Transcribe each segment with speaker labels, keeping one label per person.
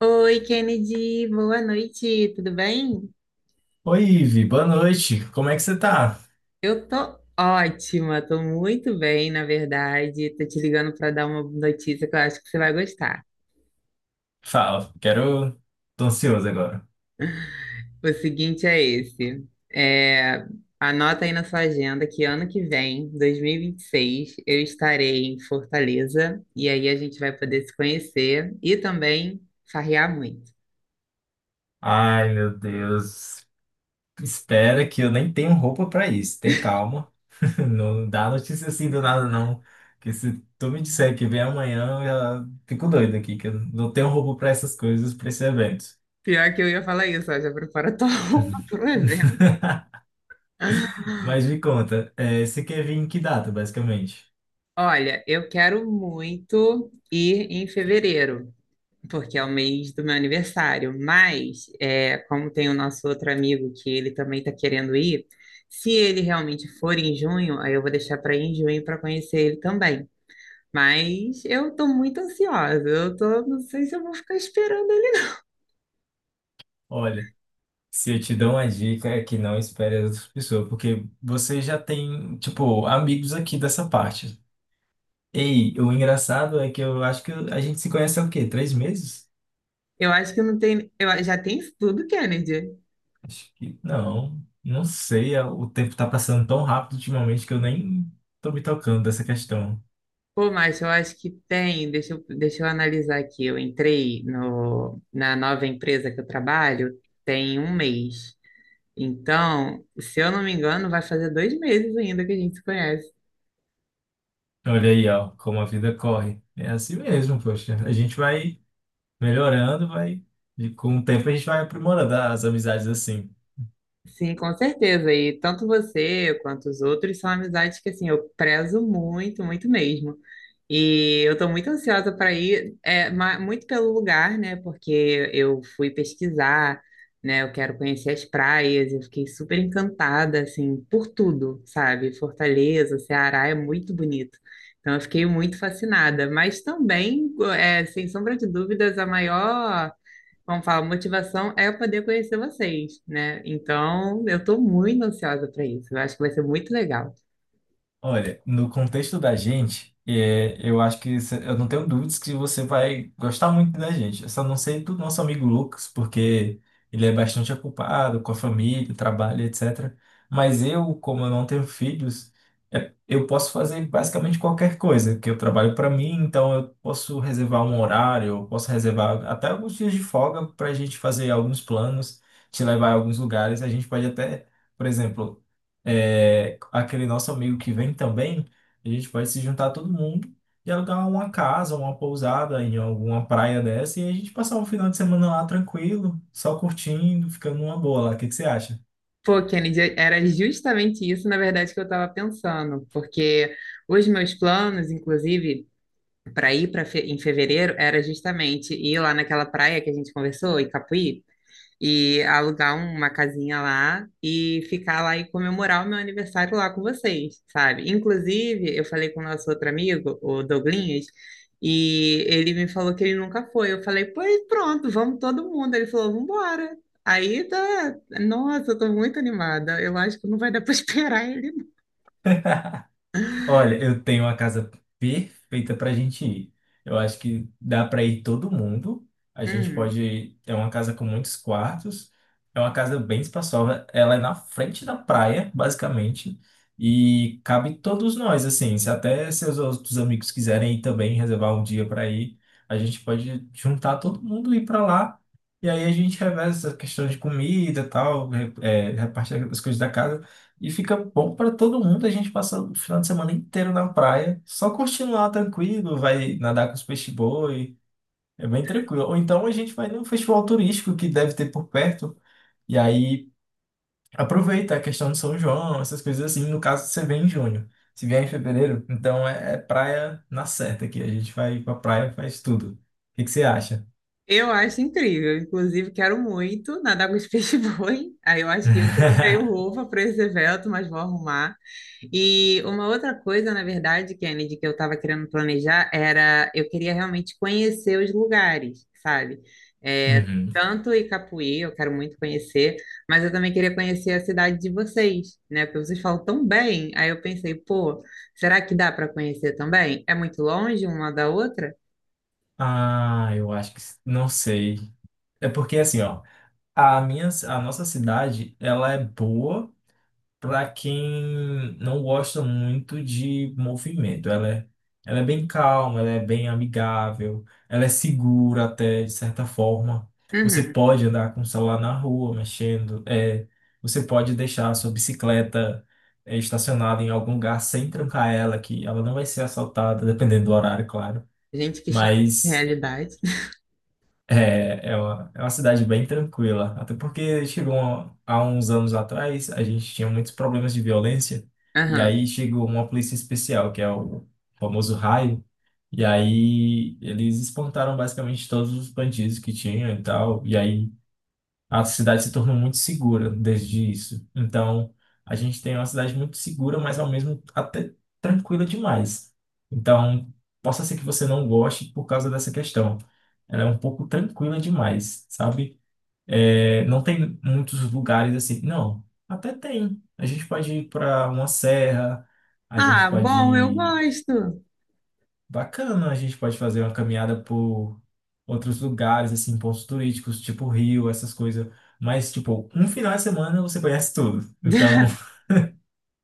Speaker 1: Oi, Kennedy, boa noite, tudo bem?
Speaker 2: Oi, Ivi, boa noite. Como é que você tá?
Speaker 1: Eu tô ótima, tô muito bem, na verdade. Tô te ligando para dar uma notícia que eu acho que você vai gostar.
Speaker 2: Fala, quero. Tô ansioso agora.
Speaker 1: O seguinte é esse: é, anota aí na sua agenda que ano que vem, dois mil e vinte e seis, eu estarei em Fortaleza e aí a gente vai poder se conhecer e também farrear muito.
Speaker 2: Ai, meu Deus. Espera que eu nem tenho roupa pra isso. Tem calma. Não dá notícia assim do nada, não. Que se tu me disser que vem amanhã, eu já fico doido aqui, que eu não tenho roupa pra essas coisas, pra esse evento.
Speaker 1: Pior que eu ia falar isso, ó, já prepara tua roupa pro evento.
Speaker 2: Mas me conta, você quer vir em que data, basicamente?
Speaker 1: Olha, eu quero muito ir em fevereiro, porque é o mês do meu aniversário. Mas, como tem o nosso outro amigo que ele também está querendo ir, se ele realmente for em junho, aí eu vou deixar para ir em junho para conhecer ele também. Mas eu estou muito ansiosa. Eu tô, não sei se eu vou ficar esperando ele.
Speaker 2: Olha, se eu te dou uma dica é que não espere as outras pessoas, porque você já tem, tipo, amigos aqui dessa parte. Ei, o engraçado é que eu acho que a gente se conhece há o quê? Três meses?
Speaker 1: Eu acho que não tem. Eu, já tem isso tudo, Kennedy.
Speaker 2: Acho que não, não sei. O tempo tá passando tão rápido ultimamente que eu nem tô me tocando dessa questão.
Speaker 1: Pô, mas eu acho que tem. Deixa eu analisar aqui. Eu entrei no, na nova empresa que eu trabalho tem um mês. Então, se eu não me engano, vai fazer 2 meses ainda que a gente se conhece.
Speaker 2: Olha aí, ó, como a vida corre. É assim mesmo, poxa. A gente vai melhorando, vai. E com o tempo a gente vai aprimorando as amizades assim.
Speaker 1: Sim, com certeza. E tanto você quanto os outros são amizades que assim eu prezo muito, muito mesmo. E eu estou muito ansiosa para ir, muito pelo lugar, né? Porque eu fui pesquisar, né? Eu quero conhecer as praias, eu fiquei super encantada, assim, por tudo, sabe? Fortaleza, Ceará é muito bonito. Então eu fiquei muito fascinada. Mas também, sem sombra de dúvidas, a maior, vamos falar, motivação é eu poder conhecer vocês, né? Então, eu tô muito ansiosa para isso. Eu acho que vai ser muito legal.
Speaker 2: Olha, no contexto da gente, eu acho que eu não tenho dúvidas que você vai gostar muito da gente. Eu só não sei do nosso amigo Lucas, porque ele é bastante ocupado com a família, trabalho, etc. Mas eu, como eu não tenho filhos, eu posso fazer basicamente qualquer coisa, que eu trabalho para mim, então eu posso reservar um horário, eu posso reservar até alguns dias de folga para a gente fazer alguns planos, te levar a alguns lugares. A gente pode até, por exemplo, aquele nosso amigo que vem também, a gente pode se juntar todo mundo e alugar uma casa, uma pousada em alguma praia dessa e a gente passar um final de semana lá tranquilo, só curtindo, ficando numa boa lá. O que que você acha?
Speaker 1: Pô, Kennedy, era justamente isso, na verdade, que eu estava pensando, porque os meus planos, inclusive, para ir para em fevereiro, era justamente ir lá naquela praia que a gente conversou, Icapuí. E alugar uma casinha lá e ficar lá e comemorar o meu aniversário lá com vocês, sabe? Inclusive, eu falei com o nosso outro amigo, o Douglinhas, e ele me falou que ele nunca foi. Eu falei, pois pronto, vamos todo mundo. Ele falou, vambora. Aí tá, nossa, eu tô muito animada. Eu acho que não vai dar pra esperar ele. Não.
Speaker 2: Olha, eu tenho uma casa perfeita pra gente ir. Eu acho que dá pra ir todo mundo. A gente
Speaker 1: Uhum.
Speaker 2: pode. É uma casa com muitos quartos. É uma casa bem espaçosa. Ela é na frente da praia, basicamente. E cabe todos nós, assim. Se até seus outros amigos quiserem ir também, reservar um dia pra ir, a gente pode juntar todo mundo e ir pra lá. E aí a gente reveza essa questão de comida e tal, reparte as coisas da casa. E fica bom para todo mundo. A gente passa o final de semana inteiro na praia, só curtindo lá tranquilo, vai nadar com os peixe-boi, é bem tranquilo. Ou então a gente vai num festival turístico que deve ter por perto, e aí aproveita a questão de São João, essas coisas assim. No caso, você vem em junho, se vier em fevereiro, então é praia na certa aqui. A gente vai pra praia, faz tudo. O que que você acha?
Speaker 1: Eu acho incrível. Inclusive, quero muito nadar com os peixes-boi. Aí eu acho que eu que não tenho roupa para esse evento, mas vou arrumar. E uma outra coisa, na verdade, Kennedy, que eu estava querendo planejar era eu queria realmente conhecer os lugares, sabe?
Speaker 2: Uhum.
Speaker 1: Tanto Icapuí, eu quero muito conhecer, mas eu também queria conhecer a cidade de vocês, né? Porque vocês falam tão bem. Aí eu pensei, pô, será que dá para conhecer também? É muito longe uma da outra?
Speaker 2: Ah, eu acho que não sei. É porque assim, ó. A nossa cidade, ela é boa para quem não gosta muito de movimento. Ela é bem calma, ela é bem amigável, ela é segura até, de certa forma. Você
Speaker 1: Uhum.
Speaker 2: pode andar com o celular na rua, mexendo. Você pode deixar a sua bicicleta estacionada em algum lugar sem trancar ela, que ela não vai ser assaltada, dependendo do horário, claro.
Speaker 1: Gente, que choque de
Speaker 2: Mas
Speaker 1: realidade.
Speaker 2: é uma cidade bem tranquila. Até porque há uns anos atrás, a gente tinha muitos problemas de violência, e
Speaker 1: Aham.
Speaker 2: aí chegou uma polícia especial, que é o famoso raio, e aí eles espantaram basicamente todos os bandidos que tinham e tal. E aí a cidade se tornou muito segura desde isso. Então, a gente tem uma cidade muito segura, mas ao mesmo até tranquila demais. Então, possa ser que você não goste por causa dessa questão. Ela é um pouco tranquila demais, sabe? É, não tem muitos lugares assim. Não, até tem. A gente pode ir para uma serra, a gente
Speaker 1: Ah,
Speaker 2: pode
Speaker 1: bom, eu
Speaker 2: ir.
Speaker 1: gosto.
Speaker 2: Bacana, a gente pode fazer uma caminhada por outros lugares, assim, pontos turísticos, tipo Rio, essas coisas. Mas, tipo, um final de semana você conhece tudo. Então,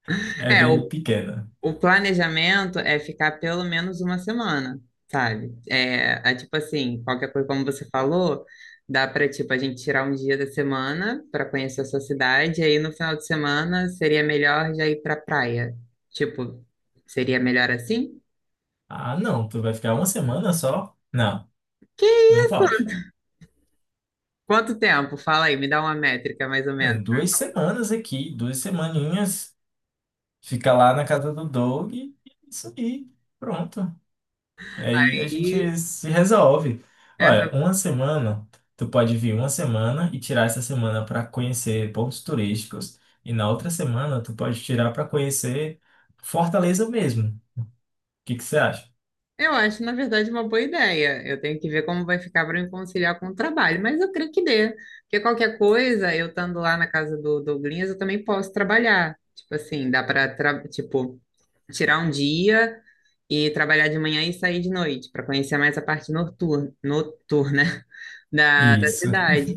Speaker 2: é
Speaker 1: É,
Speaker 2: bem
Speaker 1: o,
Speaker 2: pequena.
Speaker 1: o planejamento é ficar pelo menos uma semana, sabe? É tipo assim, qualquer coisa, como você falou, dá para tipo, a gente tirar um dia da semana para conhecer a sua cidade, e aí no final de semana seria melhor já ir pra praia. Tipo, seria melhor assim?
Speaker 2: Ah, não, tu vai ficar uma semana só? Não,
Speaker 1: Que
Speaker 2: não
Speaker 1: isso?
Speaker 2: pode.
Speaker 1: Quanto tempo? Fala aí, me dá uma métrica mais ou menos.
Speaker 2: Duas semanas aqui, duas semaninhas, fica lá na casa do Doug e é isso aí, pronto. E aí a
Speaker 1: E
Speaker 2: gente se resolve.
Speaker 1: essa
Speaker 2: Olha, uma semana, tu pode vir uma semana e tirar essa semana para conhecer pontos turísticos. E na outra semana, tu pode tirar para conhecer Fortaleza mesmo. O que que você acha?
Speaker 1: Eu acho, na verdade, uma boa ideia. Eu tenho que ver como vai ficar para me conciliar com o trabalho, mas eu creio que dê. Porque qualquer coisa, eu estando lá na casa do Douglas, eu também posso trabalhar. Tipo assim, dá para, tipo, tirar um dia e trabalhar de manhã e sair de noite, para conhecer mais a parte noturna da
Speaker 2: Isso.
Speaker 1: cidade.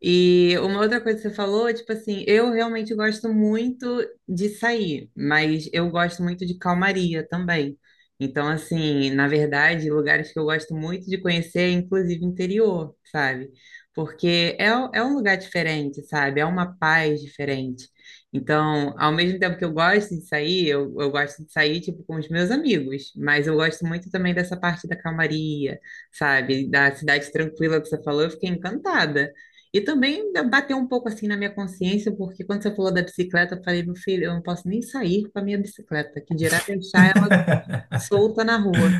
Speaker 1: E uma outra coisa que você falou, tipo assim, eu realmente gosto muito de sair, mas eu gosto muito de calmaria também. Então, assim, na verdade, lugares que eu gosto muito de conhecer, inclusive interior, sabe? Porque é um lugar diferente, sabe? É uma paz diferente. Então, ao mesmo tempo que eu gosto de sair, eu gosto de sair, tipo, com os meus amigos, mas eu gosto muito também dessa parte da calmaria, sabe? Da cidade tranquila que você falou, eu fiquei encantada. E também bateu um pouco assim na minha consciência, porque quando você falou da bicicleta, eu falei, meu filho, eu não posso nem sair com a minha bicicleta, que dirá deixar ela solta na rua.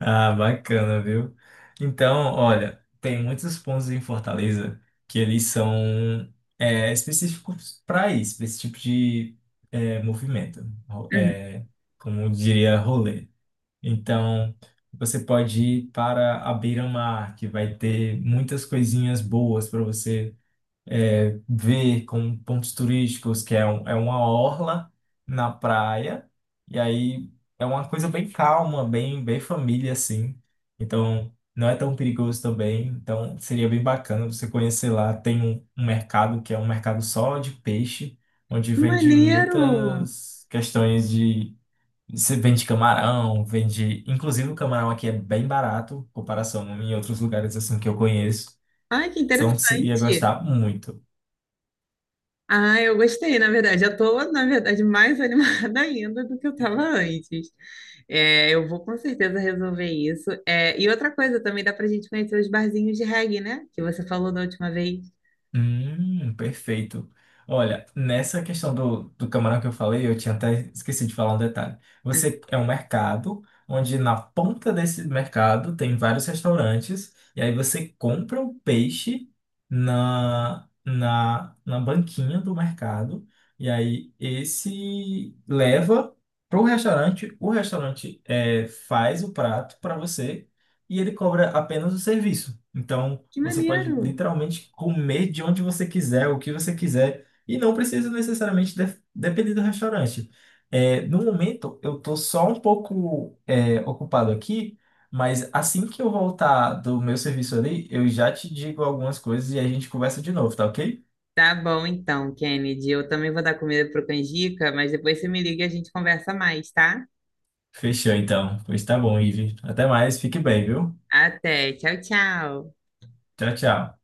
Speaker 2: Ah, bacana, viu? Então, olha, tem muitos pontos em Fortaleza que eles são específicos para isso, para esse tipo de movimento, ro- é, como eu diria, rolê. Então, você pode ir para a beira-mar, que vai ter muitas coisinhas boas para você ver como pontos turísticos, é uma orla na praia, e aí é uma coisa bem calma, bem, bem família, assim. Então, não é tão perigoso também. Então, seria bem bacana você conhecer lá. Um mercado que é um mercado só de peixe, onde
Speaker 1: Uhum.
Speaker 2: vende
Speaker 1: Maneiro!
Speaker 2: muitas questões de. Você vende camarão, vende. Inclusive, o camarão aqui é bem barato, em comparação em outros lugares assim que eu conheço.
Speaker 1: Ai, que
Speaker 2: Então, você ia
Speaker 1: interessante!
Speaker 2: gostar muito.
Speaker 1: Ah, eu gostei, na verdade. Eu tô, na verdade, mais animada ainda do que eu estava antes. Eu vou com certeza resolver isso. E outra coisa também, dá pra gente conhecer os barzinhos de reggae, né? Que você falou da última vez.
Speaker 2: Perfeito. Olha, nessa questão do camarão que eu falei, eu tinha até esquecido de falar um detalhe.
Speaker 1: Hum.
Speaker 2: Você é um mercado onde na ponta desse mercado tem vários restaurantes, e aí você compra o peixe na banquinha do mercado, e aí esse leva para o restaurante faz o prato para você e ele cobra apenas o serviço. Então,
Speaker 1: Que
Speaker 2: você pode
Speaker 1: maneiro!
Speaker 2: literalmente comer de onde você quiser, o que você quiser, e não precisa necessariamente depender do restaurante. É, no momento, eu estou só um pouco ocupado aqui, mas assim que eu voltar do meu serviço ali, eu já te digo algumas coisas e a gente conversa de novo, tá ok?
Speaker 1: Tá bom então, Kennedy. Eu também vou dar comida pro Canjica, mas depois você me liga e a gente conversa mais, tá?
Speaker 2: Fechou então. Pois tá bom, Ivi. Até mais, fique bem, viu?
Speaker 1: Até. Tchau, tchau.
Speaker 2: Tchau, tchau.